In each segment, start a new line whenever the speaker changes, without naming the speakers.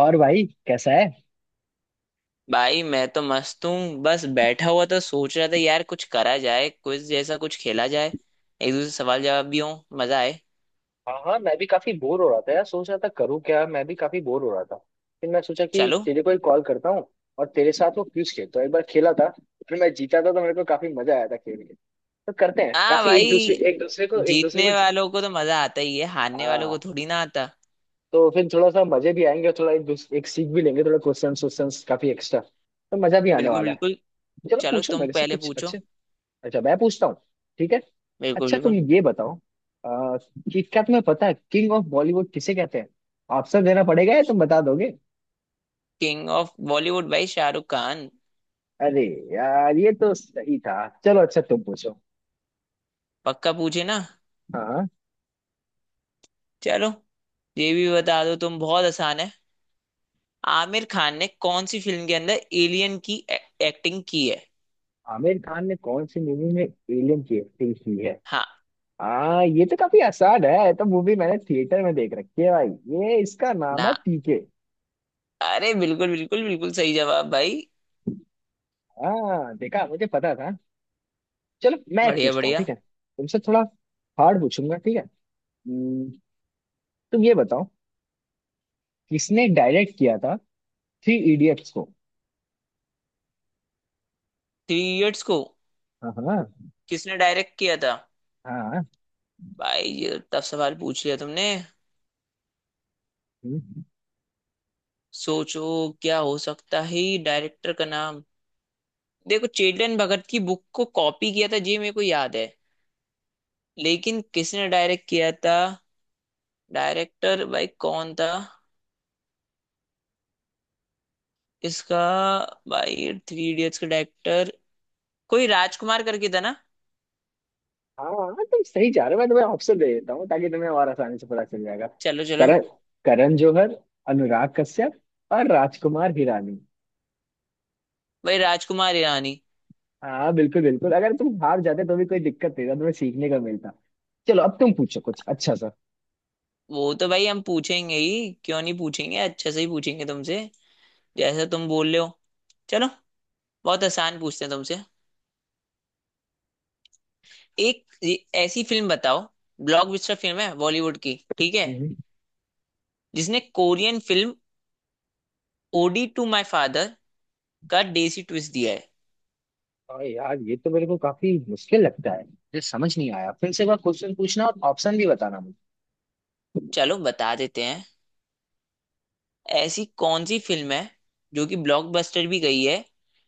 और भाई कैसा है।
भाई मैं तो मस्त हूँ। बस बैठा हुआ था, सोच रहा था यार कुछ करा जाए, क्विज जैसा कुछ खेला जाए। एक दूसरे से सवाल जवाब भी हो, मजा आए।
हाँ हाँ, मैं भी काफी बोर हो रहा था यार। सोच रहा था करूँ क्या। मैं भी काफी बोर हो रहा था फिर मैं सोचा कि
चलो।
तेरे को ही कॉल करता हूँ। और तेरे साथ वो क्विज खेलता हूँ, एक बार खेला था। फिर मैं जीता था तो मेरे को काफी मजा आया था खेल के। तो करते हैं।
हाँ
काफी एक दूसरे
भाई,
एक दूसरे को।
जीतने वालों को तो मजा आता ही है, हारने वालों को
हाँ।
थोड़ी ना आता।
तो फिर थोड़ा सा मजे भी आएंगे और थोड़ा एक दूसरे एक सीख भी लेंगे, थोड़ा क्वेश्चन क्वेश्चन काफी एक्स्ट्रा, तो मजा भी आने
बिल्कुल
वाला है।
बिल्कुल।
चलो
चलो
पूछो
तुम
मेरे से
पहले
कुछ
पूछो।
अच्छे। अच्छा मैं पूछता हूँ। ठीक है।
बिल्कुल
अच्छा
बिल्कुल।
तुम ये बताओ, आ, कि क्या तुम्हें पता है किंग ऑफ बॉलीवुड किसे कहते हैं? ऑप्शन देना पड़ेगा या तुम बता दोगे?
किंग ऑफ बॉलीवुड भाई शाहरुख खान।
अरे यार, ये तो सही था। चलो अच्छा तुम पूछो।
पक्का पूछे ना।
हाँ।
चलो, ये भी बता दो, तुम बहुत आसान है। आमिर खान ने कौन सी फिल्म के अंदर एलियन की एक्टिंग की है?
आमिर खान ने कौन सी मूवी में एलियन की एक्टिंग की है?
हाँ।
हाँ, ये तो काफी आसान है, ये तो मूवी मैंने थिएटर में देख रखी है भाई। ये, इसका नाम है
ना।
पीके।
अरे बिल्कुल बिल्कुल बिल्कुल सही जवाब भाई।
हाँ देखा, मुझे पता था। चलो मैं एक
बढ़िया
पूछता हूँ, ठीक
बढ़िया।
है? तुमसे थोड़ा हार्ड पूछूंगा, ठीक है? हम्म, तुम ये बताओ, किसने डायरेक्ट किया था थ्री इडियट्स को?
थ्री इडियट्स को
हाँ हाँ।
किसने डायरेक्ट किया था?
हाँ।
भाई ये तो टफ सवाल पूछ लिया तुमने।
हम्म,
सोचो, क्या हो सकता है डायरेक्टर का नाम। देखो, चेतन भगत की बुक को कॉपी किया था जी, मेरे को याद है, लेकिन किसने डायरेक्ट किया था? डायरेक्टर भाई कौन था इसका? भाई थ्री इडियट्स का डायरेक्टर कोई राजकुमार करके था ना।
हाँ हाँ, तुम सही जा रहे हो, मैं तुम्हें ऑप्शन दे देता हूँ ताकि तुम्हें और आसानी से पता चल जाएगा।
चलो चलो।
करण। करण जौहर। अनुराग कश्यप। और राजकुमार हिरानी।
भाई राजकुमार ईरानी।
हाँ बिल्कुल बिल्कुल। अगर तुम हार जाते तो भी कोई दिक्कत नहीं था, तुम्हें सीखने का मिलता। चलो अब तुम पूछो कुछ अच्छा सा।
वो तो भाई हम पूछेंगे ही, क्यों नहीं पूछेंगे, अच्छे से ही पूछेंगे तुमसे, जैसे तुम बोल रहे हो। चलो, बहुत आसान पूछते हैं तुमसे। ऐसी फिल्म बताओ, ब्लॉकबस्टर फिल्म है बॉलीवुड की, ठीक है,
हम्म।
जिसने Korean film Ode to My Father का देसी ट्विस्ट दिया है।
और यार ये तो मेरे को काफी मुश्किल लगता है, मुझे समझ नहीं आया। फिर से एक बार क्वेश्चन पूछना और ऑप्शन भी बताना मुझे।
चलो बता देते हैं। ऐसी कौन सी फिल्म है जो कि ब्लॉकबस्टर भी गई है,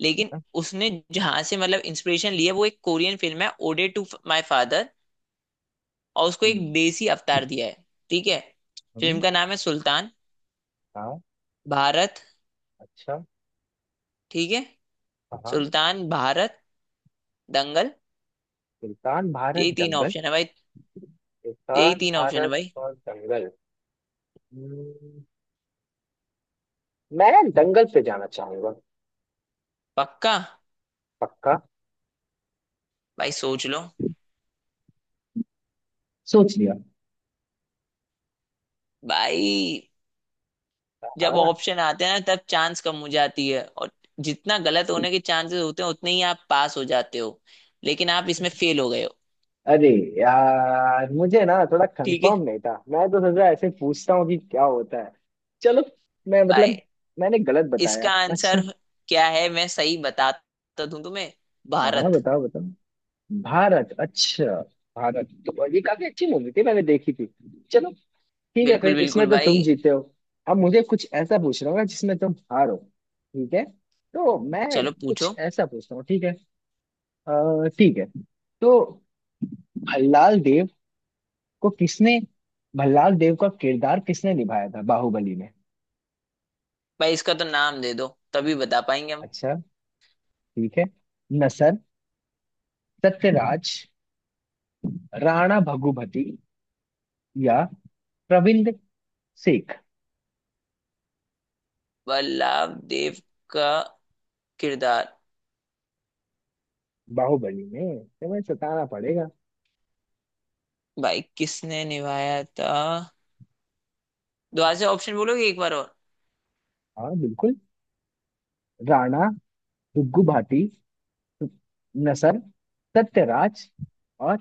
लेकिन
हाँ?
उसने जहां से मतलब इंस्पिरेशन लिया वो एक कोरियन फिल्म है, ओडे टू माई फादर, और उसको एक
हम्म।
देसी अवतार दिया है। ठीक है। फिल्म
हम्म,
का नाम है सुल्तान,
हाँ।
भारत,
अच्छा।
ठीक है,
हाँ।
सुल्तान, भारत, दंगल।
सुल्तान भारत
यही तीन
जंगल।
ऑप्शन है भाई। यही
सुल्तान
तीन ऑप्शन है
भारत
भाई।
और जंगल। हम्म, मैं जंगल पे जाना चाहूंगा।
पक्का?
पक्का।
भाई सोच लो।
सोच लिया।
भाई, जब
हाँ।
ऑप्शन आते हैं ना तब चांस कम हो जाती है, और जितना गलत होने के चांसेस होते हैं उतने ही आप पास हो जाते हो, लेकिन आप इसमें फेल हो गए हो।
अरे यार, मुझे ना थोड़ा
ठीक है।
कंफर्म नहीं था, मैं तो सोचा ऐसे पूछता हूँ कि क्या होता है। चलो। मैं
भाई
मतलब मैंने गलत बताया।
इसका आंसर
अच्छा।
क्या है, मैं सही बताता दूं तुम्हें।
हाँ हाँ
भारत।
बताओ बताओ। भारत, अच्छा। भारत तो ये काफी अच्छी मूवी थी, मैंने देखी थी। चलो। ठीक है,
बिल्कुल
फिर
बिल्कुल
इसमें तो
भाई।
तुम जीते हो। अब मुझे कुछ ऐसा पूछ रहा हूँ ना जिसमें तुम हारो, ठीक है? तो मैं
चलो
कुछ
पूछो।
ऐसा पूछता हूँ, ठीक है? ठीक है। तो भल्लाल देव को किसने भल्लाल देव का किरदार किसने निभाया था बाहुबली में?
भाई इसका तो नाम दे दो, तभी बता पाएंगे हम।
अच्छा, ठीक है। नसर। सत्यराज। राणा भगुभती। या प्रविंद सेठ।
वल्लभ देव का किरदार
बाहुबली में तुम्हें सताना पड़ेगा।
भाई किसने निभाया था? दोबारा से ऑप्शन बोलोगे एक बार और।
हाँ बिल्कुल। राणा दुग्गू भाटी। नसर। सत्यराज। और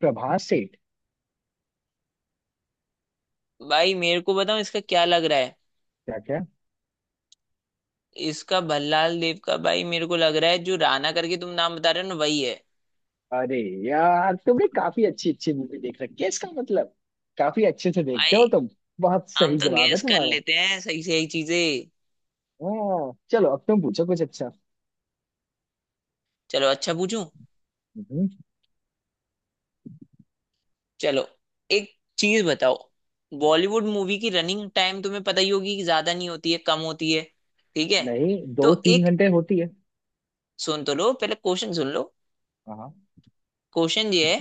प्रभास सेठ।
भाई मेरे को बताओ, इसका क्या लग रहा है।
क्या क्या।
इसका भल्लाल देव का भाई मेरे को लग रहा है जो राणा करके तुम नाम बता रहे हो ना, वही है।
अरे यार, तुमने काफी अच्छी अच्छी मूवी देख रखी है इसका मतलब। काफी अच्छे से देखते
भाई
हो तुम। बहुत
हम
सही
तो
जवाब है
गैस कर
तुम्हारा।
लेते हैं, सही सही चीजें।
हाँ चलो अब तुम पूछो कुछ अच्छा।
चलो अच्छा पूछूं।
हम्म।
चलो एक चीज बताओ। बॉलीवुड मूवी की रनिंग टाइम तुम्हें पता ही होगी कि ज्यादा नहीं होती है, कम होती है, ठीक है।
नहीं, दो
तो
तीन
एक,
घंटे होती है।
सुन तो लो पहले, क्वेश्चन सुन लो।
हाँ।
क्वेश्चन ये है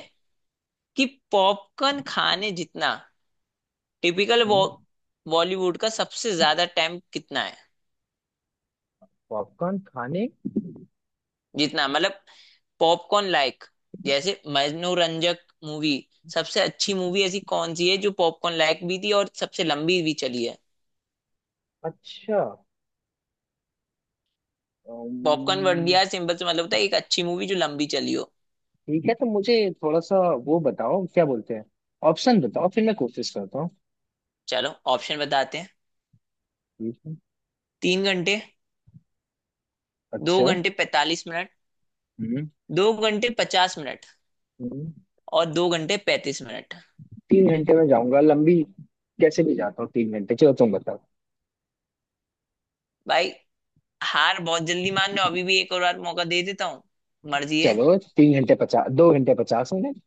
कि पॉपकॉर्न खाने जितना टिपिकल
हम्म,
बॉलीवुड का सबसे ज्यादा टाइम कितना है।
पॉपकॉर्न खाने।
जितना मतलब पॉपकॉर्न लाइक, जैसे मनोरंजक मूवी, सबसे अच्छी मूवी ऐसी कौन सी है जो पॉपकॉर्न लाइक भी थी और सबसे लंबी भी चली है।
अच्छा।
पॉपकॉर्न वर्ड
अम्म,
दिया, सिंपल से मतलब होता है एक अच्छी मूवी जो लंबी चली हो।
ठीक है, तो मुझे थोड़ा सा वो बताओ, क्या बोलते हैं, ऑप्शन बताओ फिर मैं कोशिश करता हूँ।
चलो ऑप्शन बताते हैं।
ठीक है।
तीन घंटे, दो
अच्छा।
घंटे पैंतालीस मिनट,
हम्म।
दो घंटे पचास मिनट,
हम्म।
और दो घंटे पैंतीस मिनट।
तीन घंटे में जाऊंगा, लंबी कैसे भी जाता हूँ, तीन घंटे। चलो तुम बताओ।
भाई हार बहुत जल्दी मान लो, अभी भी एक और बार मौका दे देता हूँ, मर्जी है।
चलो, तीन घंटे पचास, दो घंटे पचास मिनट।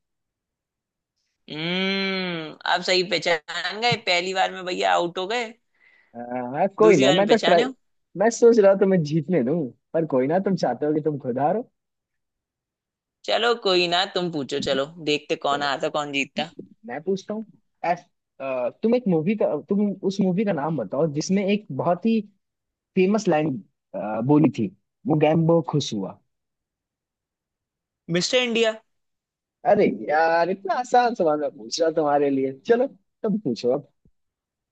हम्म, आप सही पहचान गए। पहली बार में भैया आउट हो गए,
हाँ हाँ, कोई
दूसरी
ना,
बार
मैं
में
तो ट्राई।
पहचाने हो।
मैं सोच रहा था मैं जीतने दूं, पर कोई ना, तुम चाहते हो कि तुम खुद हारो।
चलो कोई ना, तुम पूछो, चलो देखते कौन
चलो
हारता कौन जीतता।
मैं पूछता हूँ। एस तुम एक मूवी का, तुम उस मूवी का नाम बताओ जिसमें एक बहुत ही फेमस लाइन बोली थी, वो गैम्बो खुश हुआ।
मिस्टर इंडिया।
अरे यार, इतना आसान सवाल मैं पूछ रहा हूं तुम्हारे लिए। चलो तुम पूछो अब।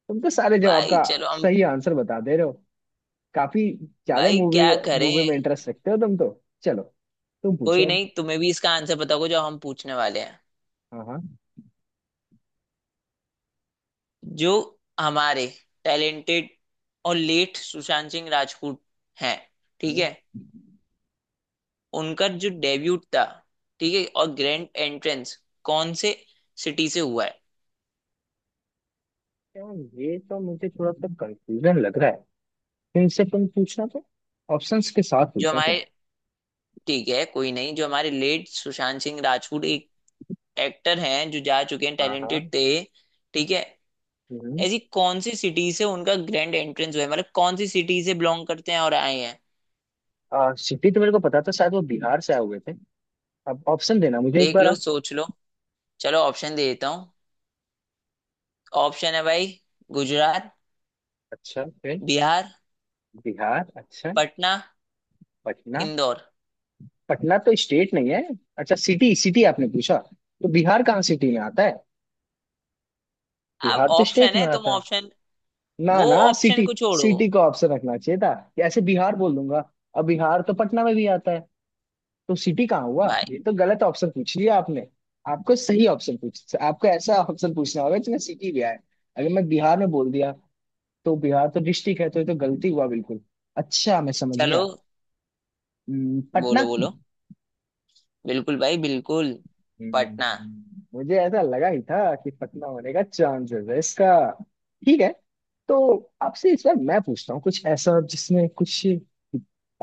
तुम तो सारे जवाब
भाई
का
चलो हम।
सही आंसर बता दे रहे हो। काफी ज्यादा
भाई
मूवी,
क्या
मूवी में
करें।
इंटरेस्ट रखते हो तुम तो। चलो तुम पूछो
कोई
अब।
नहीं, तुम्हें भी इसका आंसर पता होगा जो हम पूछने वाले हैं।
हाँ हाँ।
जो हमारे टैलेंटेड और लेट सुशांत सिंह राजपूत हैं, ठीक
हम्म,
है, उनका जो डेब्यूट था, ठीक है, और ग्रैंड एंट्रेंस कौन से सिटी से हुआ है?
यार ये तो मुझे थोड़ा सा कंफ्यूजन लग रहा है तुमसे। तुम पूछना तो ऑप्शंस के साथ
जो
पूछना तुम।
हमारे, ठीक है, कोई नहीं, जो हमारे लेट सुशांत सिंह राजपूत एक एक्टर हैं जो जा चुके हैं,
हाँ
टैलेंटेड
हाँ।
थे, ठीक है,
हम्म।
ऐसी कौन सी सिटी से उनका ग्रैंड एंट्रेंस हुआ है, मतलब कौन सी सिटी से बिलोंग करते हैं और आए हैं।
सिटी तो मेरे को पता था, शायद वो बिहार से आए हुए थे। अब ऑप्शन देना मुझे एक
देख
बार
लो,
आप।
सोच लो। चलो ऑप्शन दे देता हूँ। ऑप्शन है भाई, गुजरात,
अच्छा, फिर।
बिहार,
बिहार, अच्छा।
पटना,
पटना।
इंदौर।
पटना तो स्टेट नहीं है। अच्छा, सिटी सिटी आपने पूछा, तो बिहार कहाँ सिटी में आता है,
अब
बिहार तो स्टेट
ऑप्शन
में
है, तुम
आता है।
ऑप्शन,
ना
वो
ना,
ऑप्शन
सिटी।
को छोड़ो
सिटी का ऑप्शन रखना चाहिए था, ऐसे बिहार बोल दूंगा। अब बिहार तो पटना में भी आता है, तो सिटी कहाँ हुआ?
भाई।
ये तो गलत ऑप्शन पूछ लिया आपने। आपको सही ऑप्शन पूछ, आपको ऐसा ऑप्शन पूछना होगा जिसमें सिटी भी आए। अगर मैं बिहार में बोल दिया, तो बिहार तो डिस्ट्रिक्ट है, तो ये तो गलती हुआ बिल्कुल। अच्छा, मैं समझ
चलो
गया। पटना।
बोलो बोलो। बिल्कुल भाई बिल्कुल। पटना।
हम्म, मुझे ऐसा लगा ही था कि पतला होने का चांसेस है इसका। ठीक है। तो आपसे इस बार मैं पूछता हूँ कुछ ऐसा जिसमें कुछ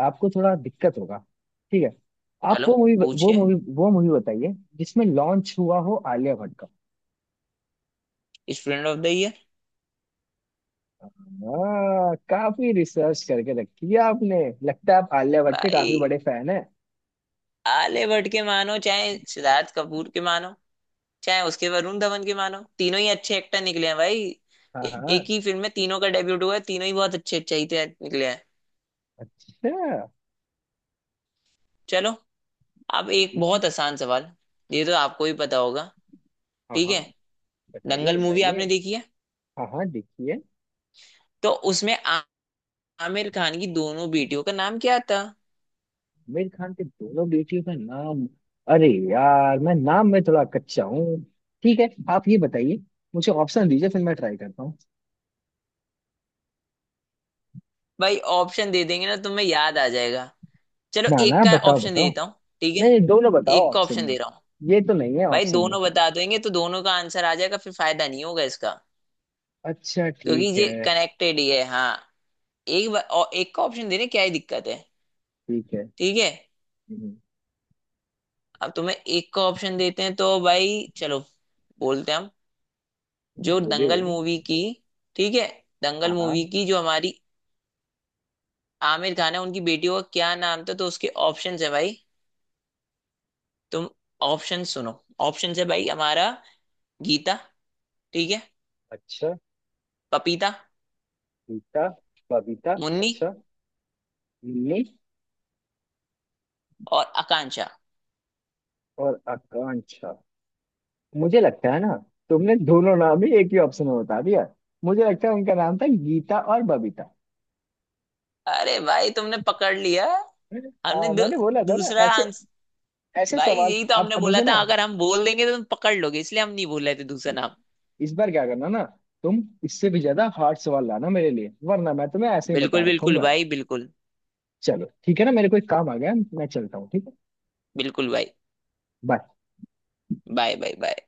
आपको थोड़ा दिक्कत होगा, ठीक है? आप
चलो पूछिए।
वो मूवी बताइए जिसमें लॉन्च हुआ हो आलिया भट्ट का।
स्टूडेंट ऑफ द ईयर।
हाँ, काफी रिसर्च करके रखी है आपने, लगता है आप आलिया भट्ट के काफी
भाई,
बड़े फैन हैं।
आलिया भट्ट के मानो, चाहे सिद्धार्थ कपूर के मानो, चाहे उसके वरुण धवन के मानो, तीनों ही अच्छे एक्टर निकले हैं भाई।
हाँ हाँ।
एक ही फिल्म में तीनों का डेब्यूट हुआ है, तीनों ही बहुत अच्छे, निकले हैं।
अच्छा।
चलो, अब एक
ठीक है।
बहुत आसान सवाल, ये तो आपको भी पता होगा,
हाँ
ठीक
हाँ,
है।
बताइए
दंगल मूवी
बताइए।
आपने देखी है,
हाँ हाँ, देखिए।
तो उसमें आमिर खान की दोनों बेटियों का नाम क्या था?
आमिर खान के दोनों बेटियों का नाम। अरे यार, मैं नाम में थोड़ा कच्चा हूँ। ठीक है, आप ये बताइए, मुझे ऑप्शन दीजिए फिर मैं ट्राई करता हूँ।
भाई ऑप्शन दे देंगे ना तो तुम्हें याद आ जाएगा। चलो
ना
एक
ना,
का
बताओ
ऑप्शन दे
बताओ।
देता हूँ। ठीक है,
नहीं नहीं, दोनों बताओ
एक का
ऑप्शन
ऑप्शन
में।
दे रहा हूँ।
ये तो नहीं है
भाई
ऑप्शन में।
दोनों बता देंगे तो दोनों का आंसर आ जाएगा, फिर फायदा नहीं होगा इसका,
अच्छा
क्योंकि
ठीक
ये
है।
कनेक्टेड ही है। हाँ, और एक का ऑप्शन देने क्या ही दिक्कत है।
ठीक है।
ठीक है।
हम्म,
अब तुम्हें एक का ऑप्शन देते हैं तो भाई, चलो बोलते हैं हम। जो
बोलिए
दंगल
बोलिए।
मूवी की, ठीक है, दंगल
हाँ हाँ।
मूवी की जो हमारी आमिर खान है, उनकी बेटी का क्या नाम था, तो उसके ऑप्शन है भाई, तुम ऑप्शन सुनो। ऑप्शन है भाई हमारा, गीता, ठीक है,
अच्छा।
पपीता,
गीता। बबीता,
मुन्नी,
अच्छा। लिली।
और आकांक्षा।
और आकांक्षा। मुझे लगता है ना, तुमने दोनों नाम ही एक ही ऑप्शन में बता दिया। मुझे लगता है उनका नाम था गीता और बबीता।
अरे भाई तुमने पकड़ लिया। हमने दू,
मैंने बोला था ना
दूसरा
ऐसे,
आंस।
ऐसे
भाई
सवाल।
यही तो
अब
हमने
अब
बोला
मुझे ना,
था, अगर हम बोल देंगे तो तुम पकड़ लोगे, इसलिए हम नहीं बोल रहे थे दूसरा नाम।
इस बार क्या करना ना, तुम इससे भी ज्यादा हार्ड सवाल लाना मेरे लिए, वरना मैं तुम्हें ऐसे ही बता
बिल्कुल बिल्कुल
रखूंगा।
भाई बिल्कुल।
चलो ठीक है ना, मेरे को एक काम आ गया है, मैं चलता हूँ, ठीक है।
बिल्कुल भाई।
बाय।
Bye, bye bye.